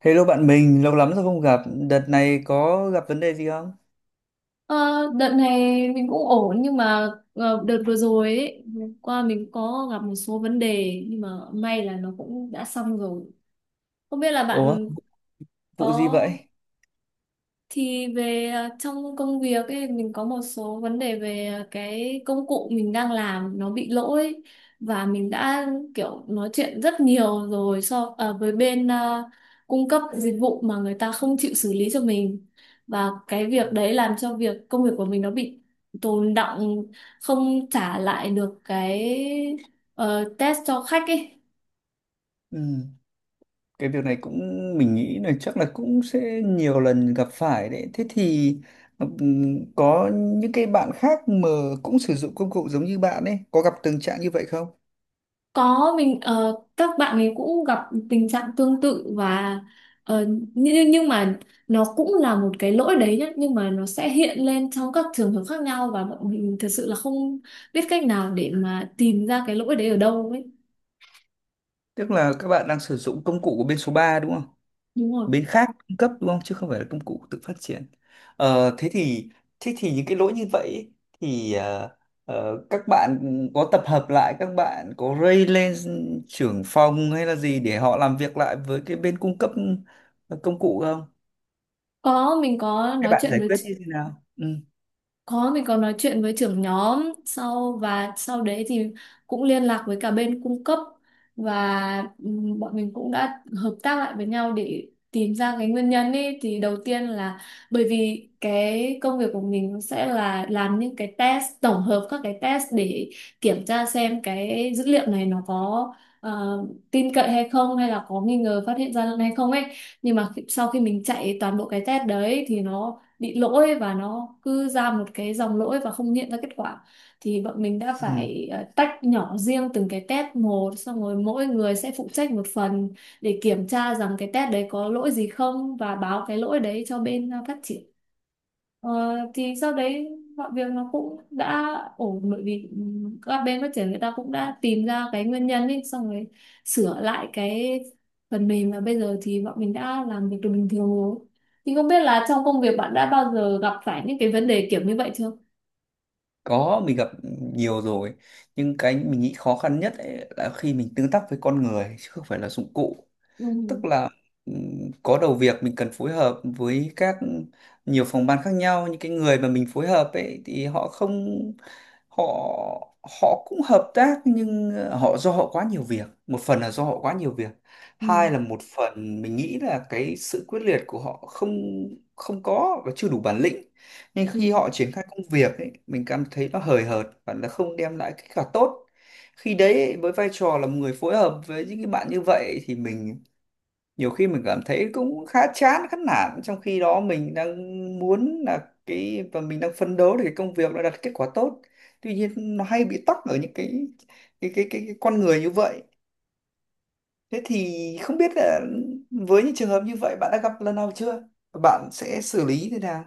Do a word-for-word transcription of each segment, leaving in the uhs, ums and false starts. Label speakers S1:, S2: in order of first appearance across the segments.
S1: Hello bạn mình, lâu lắm rồi không gặp. Đợt này có gặp vấn đề gì không?
S2: Ờ, Đợt này mình cũng ổn nhưng mà ờ, đợt vừa rồi ấy, vừa qua mình có gặp một số vấn đề nhưng mà may là nó cũng đã xong rồi. Không biết là
S1: Ủa,
S2: bạn
S1: vụ gì
S2: có
S1: vậy?
S2: thì về ờ, trong công việc ấy mình có một số vấn đề về ờ, cái công cụ mình đang làm nó bị lỗi, và mình đã kiểu nói chuyện rất nhiều rồi so ờ, với bên ờ, cung cấp dịch vụ mà người ta không chịu xử lý cho mình, và cái việc đấy làm cho việc công việc của mình nó bị tồn đọng, không trả lại được cái ờ, test cho khách ấy.
S1: Ừ, cái việc này cũng mình nghĩ là chắc là cũng sẽ nhiều lần gặp phải đấy. Thế thì ừm, có những cái bạn khác mà cũng sử dụng công cụ giống như bạn ấy, có gặp tình trạng như vậy không?
S2: Có, mình ờ, các bạn ấy cũng gặp tình trạng tương tự và ờ, nhưng nhưng mà nó cũng là một cái lỗi đấy nhá, nhưng mà nó sẽ hiện lên trong các trường hợp khác nhau và bọn mình thật sự là không biết cách nào để mà tìm ra cái lỗi đấy ở đâu ấy.
S1: Tức là các bạn đang sử dụng công cụ của bên số ba đúng không?
S2: Đúng rồi.
S1: Bên khác cung cấp đúng không chứ không phải là công cụ tự phát triển. Ờ, thế thì thế thì những cái lỗi như vậy ấy, thì ờ, ờ, các bạn có tập hợp lại, các bạn có raise lên trưởng phòng hay là gì để họ làm việc lại với cái bên cung cấp ờ, công cụ không,
S2: Có, mình có
S1: các
S2: nói
S1: bạn
S2: chuyện
S1: giải
S2: với.
S1: quyết như thế nào? Ừ.
S2: Có, mình có nói chuyện với trưởng nhóm, sau và sau đấy thì cũng liên lạc với cả bên cung cấp và ừm, bọn mình cũng đã hợp tác lại với nhau để tìm ra cái nguyên nhân ấy. Thì đầu tiên là bởi vì cái công việc của mình sẽ là làm những cái test tổng hợp các cái test để kiểm tra xem cái dữ liệu này nó có ờ, tin cậy hay không, hay là có nghi ngờ phát hiện gian lận hay không ấy, nhưng mà khi- sau khi mình chạy toàn bộ cái test đấy thì nó bị lỗi và nó cứ ra một cái dòng lỗi và không hiện ra kết quả. Thì bọn mình đã
S1: Ừ,
S2: phải ờ, tách nhỏ riêng từng cái test một, xong rồi mỗi người sẽ phụ trách một phần để kiểm tra rằng cái test đấy có lỗi gì không và báo cái lỗi đấy cho bên ờ, phát triển. Ờ, thì sau đấy mọi việc nó cũng đã ổn, bởi vì ừm, các bên phát triển người ta cũng đã tìm ra cái nguyên nhân ấy xong rồi sửa lại cái phần mềm, và bây giờ thì bọn mình đã làm việc được bình thường rồi. Thì không biết là trong công việc bạn đã bao giờ gặp phải những cái vấn đề kiểu như vậy chưa?
S1: có mình gặp nhiều rồi, nhưng cái mình nghĩ khó khăn nhất ấy là khi mình tương tác với con người chứ không phải là dụng cụ.
S2: Ừ.
S1: Tức là ừm, có đầu việc mình cần phối hợp với các nhiều phòng ban khác nhau, những cái người mà mình phối hợp ấy thì họ không họ họ cũng hợp tác, nhưng ờ, họ do họ quá nhiều việc, một phần là do họ quá nhiều việc,
S2: Ừ.
S1: hai là một phần mình nghĩ là cái sự quyết liệt của họ không không có và chưa đủ bản lĩnh, nên khi
S2: Ừ.
S1: họ triển khai công việc ấy, mình cảm thấy nó hời hợt và nó không đem lại kết quả tốt. Khi đấy ấy, với vai trò là một người phối hợp với những cái bạn như vậy thì mình nhiều khi mình cảm thấy cũng khá chán khá nản, trong khi đó mình đang muốn là cái và mình đang phấn đấu để cái công việc nó đạt kết quả tốt, tuy nhiên nó hay bị tắc ở những cái cái cái cái, cái con người như vậy. Thế thì không biết là với những trường hợp như vậy bạn đã gặp lần nào chưa, bạn sẽ xử lý thế nào?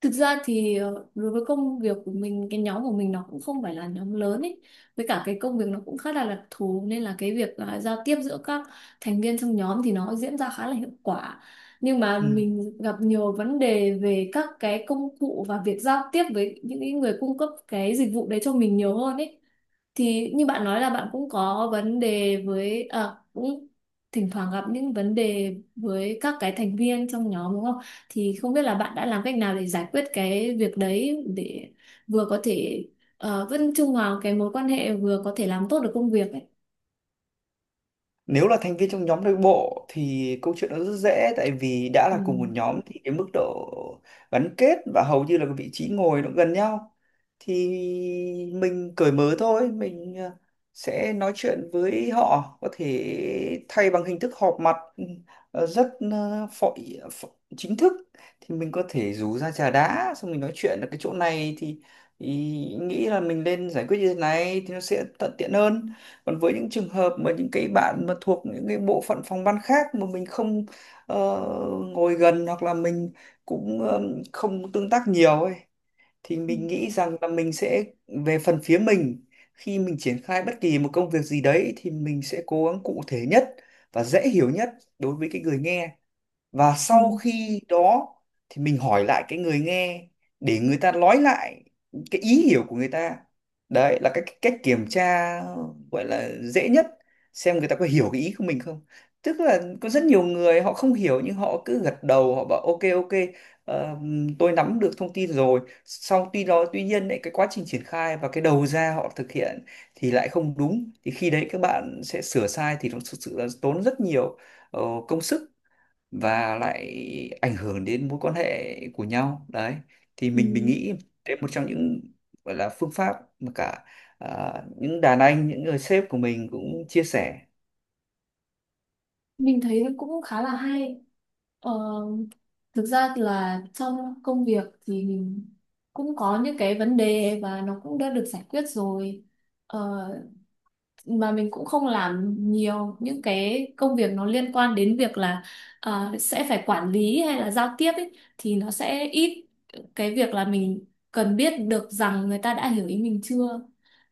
S2: Thực ra thì ờ, đối với công việc của mình, cái nhóm của mình nó cũng không phải là nhóm lớn ấy. Với cả cái công việc nó cũng khá là đặc thù, nên là cái việc à, giao tiếp giữa các thành viên trong nhóm thì nó diễn ra khá là hiệu quả. Nhưng mà
S1: Ừ.
S2: mình gặp nhiều vấn đề về các cái công cụ và việc giao tiếp với những cái người cung cấp cái dịch vụ đấy cho mình nhiều hơn ấy. Thì như bạn nói là bạn cũng có vấn đề với à, cũng thỉnh thoảng gặp những vấn đề với các cái thành viên trong nhóm đúng không? Thì không biết là bạn đã làm cách nào để giải quyết cái việc đấy để vừa có thể ờ, vẫn trung hòa cái mối quan hệ, vừa có thể làm tốt được công việc ấy.
S1: Nếu là thành viên trong nhóm nội bộ thì câu chuyện nó rất dễ, tại vì đã
S2: Ừ.
S1: là cùng một nhóm thì cái mức độ gắn kết và hầu như là cái vị trí ngồi nó gần nhau, thì mình cởi mở thôi, mình ờ, sẽ nói chuyện với họ. Có thể thay bằng hình thức họp mặt ừ, ờ, rất ờ, phỏ, phỏ, chính thức, thì mình có thể rủ ra trà đá xong mình nói chuyện ở cái chỗ này, thì, thì nghĩ là mình nên giải quyết như thế này thì nó sẽ thuận tiện hơn. Còn với những trường hợp mà những cái bạn mà thuộc những cái bộ phận phòng ban khác mà mình không ờ, ngồi gần hoặc là mình cũng ờ, không tương tác nhiều ấy, thì
S2: Ừ,
S1: mình nghĩ rằng là mình sẽ về phần phía mình, khi mình triển khai bất kỳ một công việc gì đấy thì mình sẽ cố gắng cụ thể nhất và dễ hiểu nhất đối với cái người nghe, và
S2: ừ,
S1: sau khi đó thì mình hỏi lại cái người nghe để người ta nói lại cái ý hiểu của người ta. Đấy là cái cái cách kiểm tra gọi là dễ nhất xem người ta có hiểu cái ý của mình không. Tức là có rất nhiều người họ không hiểu nhưng họ cứ gật đầu họ bảo ok ok, ờ, tôi nắm được thông tin rồi sau tuy đó, tuy nhiên lại cái quá trình triển khai và cái đầu ra họ thực hiện thì lại không đúng, thì khi đấy các bạn sẽ sửa sai thì nó thực sự là tốn rất nhiều ờ, công sức và lại ảnh hưởng đến mối quan hệ của nhau đấy. Thì
S2: ừ.
S1: mình mình nghĩ đấy một trong những gọi là phương pháp mà cả à, những đàn anh, những người sếp của mình cũng chia sẻ.
S2: Mình thấy cũng khá là hay. Ờ, Thực ra là trong công việc thì mình cũng có những cái vấn đề và nó cũng đã được giải quyết rồi. Ờ, mà mình cũng không làm nhiều những cái công việc nó liên quan đến việc là ờ, sẽ phải quản lý hay là giao tiếp ấy, thì nó sẽ ít cái việc là mình cần biết được rằng người ta đã hiểu ý mình chưa.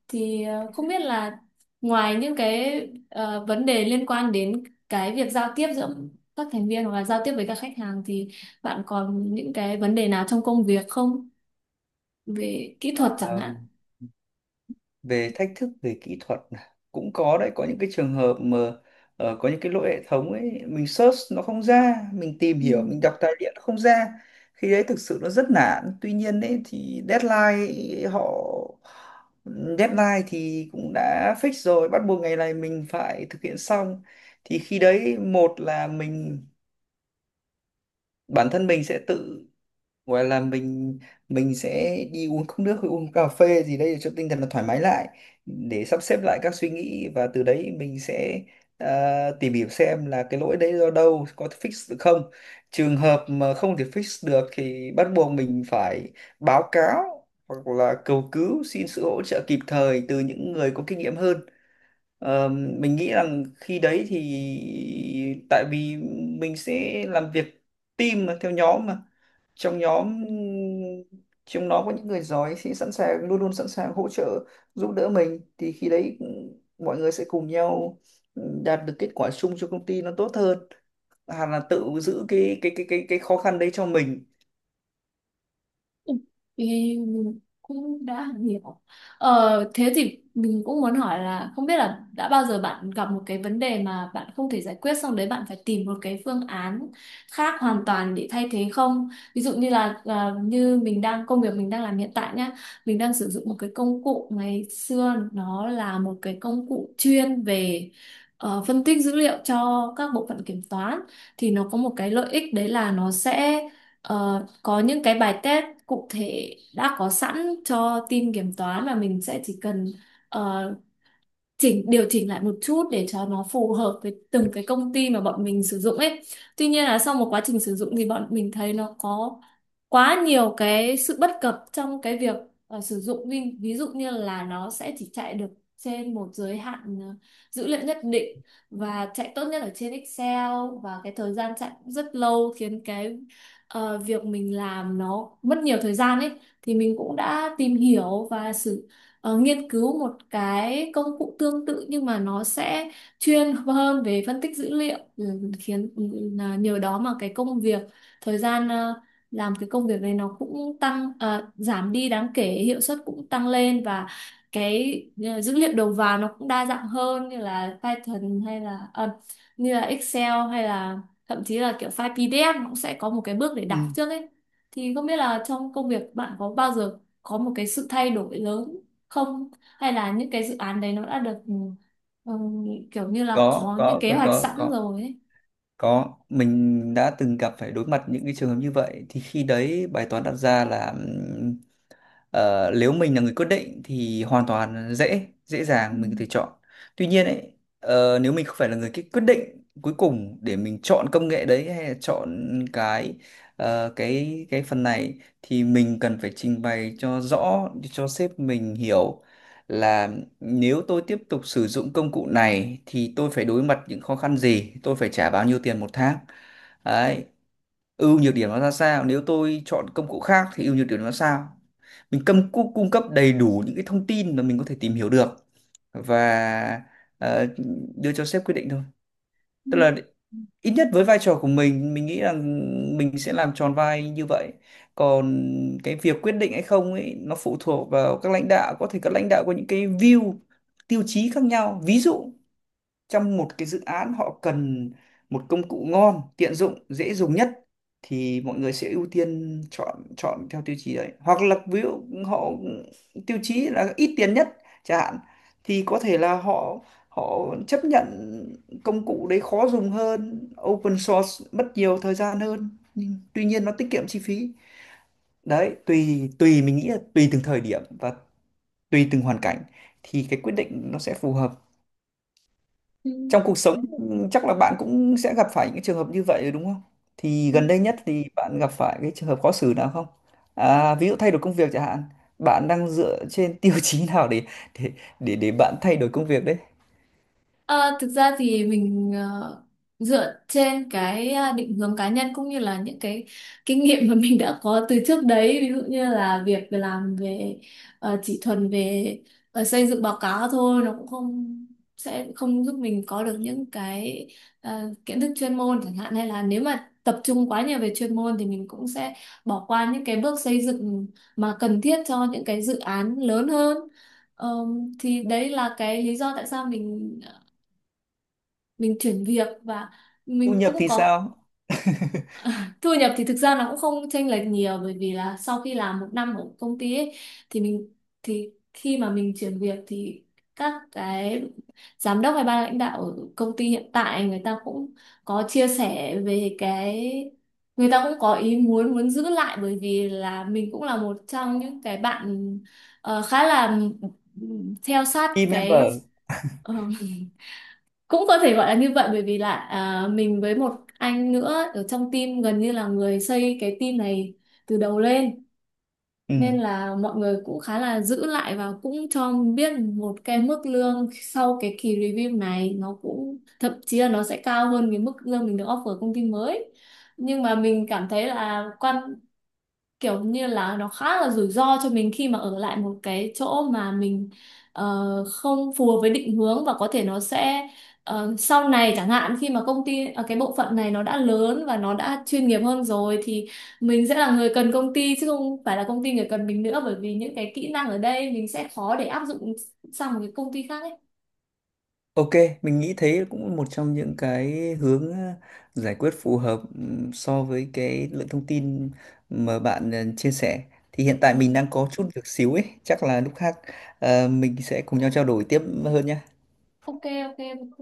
S2: Thì ờ, không biết là ngoài những cái ờ, vấn đề liên quan đến cái việc giao tiếp giữa các thành viên hoặc là giao tiếp với các khách hàng thì bạn còn những cái vấn đề nào trong công việc không, về kỹ thuật chẳng hạn?
S1: Về thách thức về kỹ thuật cũng có đấy, có những cái trường hợp mà ờ, có những cái lỗi hệ thống ấy mình search nó không ra, mình tìm
S2: Ừ.
S1: hiểu mình đọc tài liệu nó không ra, khi đấy thực sự nó rất nản. Tuy nhiên ấy thì deadline họ deadline thì cũng đã fix rồi, bắt buộc ngày này mình phải thực hiện xong, thì khi đấy một là mình bản thân mình sẽ tự gọi là mình mình sẽ đi uống cốc nước hay uống cà phê gì đấy để cho tinh thần nó thoải mái lại, để sắp xếp lại các suy nghĩ và từ đấy mình sẽ ờ, tìm hiểu xem là cái lỗi đấy do đâu, có thể fix được không. Trường hợp mà không thể fix được thì bắt buộc mình phải báo cáo hoặc là cầu cứu xin sự hỗ trợ kịp thời từ những người có kinh nghiệm hơn. Ờ, mình nghĩ rằng khi đấy thì tại vì mình sẽ làm việc team mà, theo nhóm mà, trong nhóm trong nó có những người giỏi sẽ sẵn sàng luôn luôn sẵn sàng hỗ trợ giúp đỡ mình, thì khi đấy mọi người sẽ cùng nhau đạt được kết quả chung cho công ty nó tốt hơn hẳn là tự giữ cái cái cái cái cái khó khăn đấy cho mình.
S2: Ừ. Thì mình cũng đã hiểu. Ờ, thế thì mình cũng muốn hỏi là không biết là đã bao giờ bạn gặp một cái vấn đề mà bạn không thể giải quyết xong đấy, bạn phải tìm một cái phương án khác hoàn toàn để thay thế không? Ví dụ như là là như mình đang công việc mình đang làm hiện tại nhá, mình đang sử dụng một cái công cụ ngày xưa, nó là một cái công cụ chuyên về ờ, phân tích dữ liệu cho các bộ phận kiểm toán. Thì nó có một cái lợi ích đấy là nó sẽ ờ, có những cái bài test cụ thể đã có sẵn cho team kiểm toán, mà mình sẽ chỉ cần ờ, chỉnh điều chỉnh lại một chút để cho nó phù hợp với từng cái công ty mà bọn mình sử dụng ấy. Tuy nhiên là sau một quá trình sử dụng thì bọn mình thấy nó có quá nhiều cái sự bất cập trong cái việc ờ, sử dụng. Ví, ví dụ như là nó sẽ chỉ chạy được trên một giới hạn ờ, dữ liệu nhất định, và chạy tốt nhất ở trên Excel, và cái thời gian chạy cũng rất lâu khiến cái ờ, việc mình làm nó mất nhiều thời gian ấy. Thì mình cũng đã tìm hiểu và sử ờ, nghiên cứu một cái công cụ tương tự, nhưng mà nó sẽ chuyên hơn về phân tích dữ liệu, ừ, khiến ừ, là nhờ đó mà cái công việc thời gian ờ, làm cái công việc này nó cũng tăng ờ, giảm đi đáng kể, hiệu suất cũng tăng lên, và cái ờ, dữ liệu đầu vào nó cũng đa dạng hơn, như là Python hay là ờ, như là Excel, hay là thậm chí là kiểu file pê đê ép nó cũng sẽ có một cái bước để
S1: Ừ.
S2: đọc trước ấy. Thì không biết là trong công việc bạn có bao giờ có một cái sự thay đổi lớn không, hay là những cái dự án đấy nó đã được ừ, ừ, kiểu như là
S1: có
S2: có những
S1: có
S2: kế
S1: có
S2: hoạch
S1: có
S2: sẵn
S1: có
S2: rồi ấy?
S1: có, mình đã từng gặp phải đối mặt những cái trường hợp như vậy, thì khi đấy bài toán đặt ra là ừm, ờ, nếu mình là người quyết định thì hoàn toàn dễ, dễ
S2: Ừ.
S1: dàng mình có thể chọn. Tuy nhiên ấy, ờ, nếu mình không phải là người cái quyết định cuối cùng để mình chọn công nghệ đấy hay là chọn cái ờ, cái cái phần này thì mình cần phải trình bày cho rõ cho sếp mình hiểu là nếu tôi tiếp tục sử dụng công cụ này thì tôi phải đối mặt những khó khăn gì? Tôi phải trả bao nhiêu tiền một tháng? Đấy. Ưu nhược điểm nó ra sao? Nếu tôi chọn công cụ khác thì ưu nhược điểm nó ra sao? Mình cung cung cung cấp đầy đủ những cái thông tin mà mình có thể tìm hiểu được và ờ, đưa cho sếp quyết định thôi.
S2: Ừ.
S1: Tức là ít nhất với vai trò của mình mình nghĩ rằng mình sẽ làm tròn vai như vậy, còn cái việc quyết định hay không ấy nó phụ thuộc vào các lãnh đạo. Có thể các lãnh đạo có những cái view tiêu chí khác nhau, ví dụ trong một cái dự án họ cần một công cụ ngon, tiện dụng, dễ dùng nhất thì mọi người sẽ ưu tiên chọn chọn theo tiêu chí đấy. Hoặc là ví dụ họ tiêu chí là ít tiền nhất chẳng hạn, thì có thể là họ họ chấp nhận công cụ đấy khó dùng hơn, open source mất nhiều thời gian hơn nhưng tuy nhiên nó tiết kiệm chi phí. Đấy, tùy tùy mình nghĩ là tùy từng thời điểm và tùy từng hoàn cảnh thì cái quyết định nó sẽ phù hợp
S2: Ừ.
S1: trong cuộc
S2: Ok.
S1: sống. Chắc là bạn cũng sẽ gặp phải những trường hợp như vậy đúng không? Thì
S2: Ừ.
S1: gần đây nhất thì bạn gặp phải cái trường hợp khó xử nào không? À, ví dụ thay đổi công việc chẳng hạn, bạn đang dựa trên tiêu chí nào để để để để bạn thay đổi công việc đấy?
S2: Ờ, Thực ra thì mình ờ, dựa trên cái ờ, định hướng cá nhân, cũng như là những cái kinh nghiệm mà mình đã có từ trước đấy. Ví dụ như là việc làm về ờ, chỉ thuần về ờ, xây dựng báo cáo thôi nó cũng không sẽ không giúp mình có được những cái ờ, kiến thức chuyên môn chẳng hạn, hay là nếu mà tập trung quá nhiều về chuyên môn thì mình cũng sẽ bỏ qua những cái bước xây dựng mà cần thiết cho những cái dự án lớn hơn. Ờ, thì đấy là cái lý do tại sao mình mình chuyển việc. Và
S1: Thu
S2: mình
S1: nhập
S2: cũng
S1: thì
S2: có
S1: sao?
S2: thu nhập thì thực ra nó cũng không chênh lệch nhiều, bởi vì là sau khi làm một năm ở công ty ấy, thì mình thì khi mà mình chuyển việc thì các cái giám đốc hay ban lãnh đạo ở công ty hiện tại người ta cũng có chia sẻ về cái người ta cũng có ý muốn muốn giữ lại, bởi vì là mình cũng là một trong những cái bạn ờ, khá là ừ, theo sát
S1: Team
S2: cái
S1: member.
S2: ờ, cũng có thể gọi là như vậy, bởi vì là à, mình với một anh nữa ở trong team gần như là người xây cái team này từ đầu lên,
S1: Ừ.
S2: nên là mọi người cũng khá là giữ lại và cũng cho biết một cái mức lương sau cái kỳ review này nó cũng thậm chí là nó sẽ cao hơn cái mức lương mình được offer công ty mới. Nhưng mà mình cảm thấy là quan kiểu như là nó khá là rủi ro cho mình khi mà ở lại một cái chỗ mà mình ờ, không phù hợp với định hướng, và có thể nó sẽ ờ, sau này chẳng hạn khi mà công ty ờ, cái bộ phận này nó đã lớn và nó đã chuyên nghiệp hơn rồi, thì mình sẽ là người cần công ty chứ không phải là công ty người cần mình nữa, bởi vì những cái kỹ năng ở đây mình sẽ khó để áp dụng sang một cái công ty khác ấy.
S1: Ok, mình nghĩ thế cũng một trong những cái hướng ờ, giải quyết phù hợp ừm, so với cái lượng thông tin mà bạn ờ, chia sẻ. Thì hiện
S2: Ừ.
S1: tại mình đang có chút việc xíu ấy, chắc là lúc khác ờ, mình sẽ cùng nhau trao đổi tiếp hơn nhé.
S2: Ok ok ok.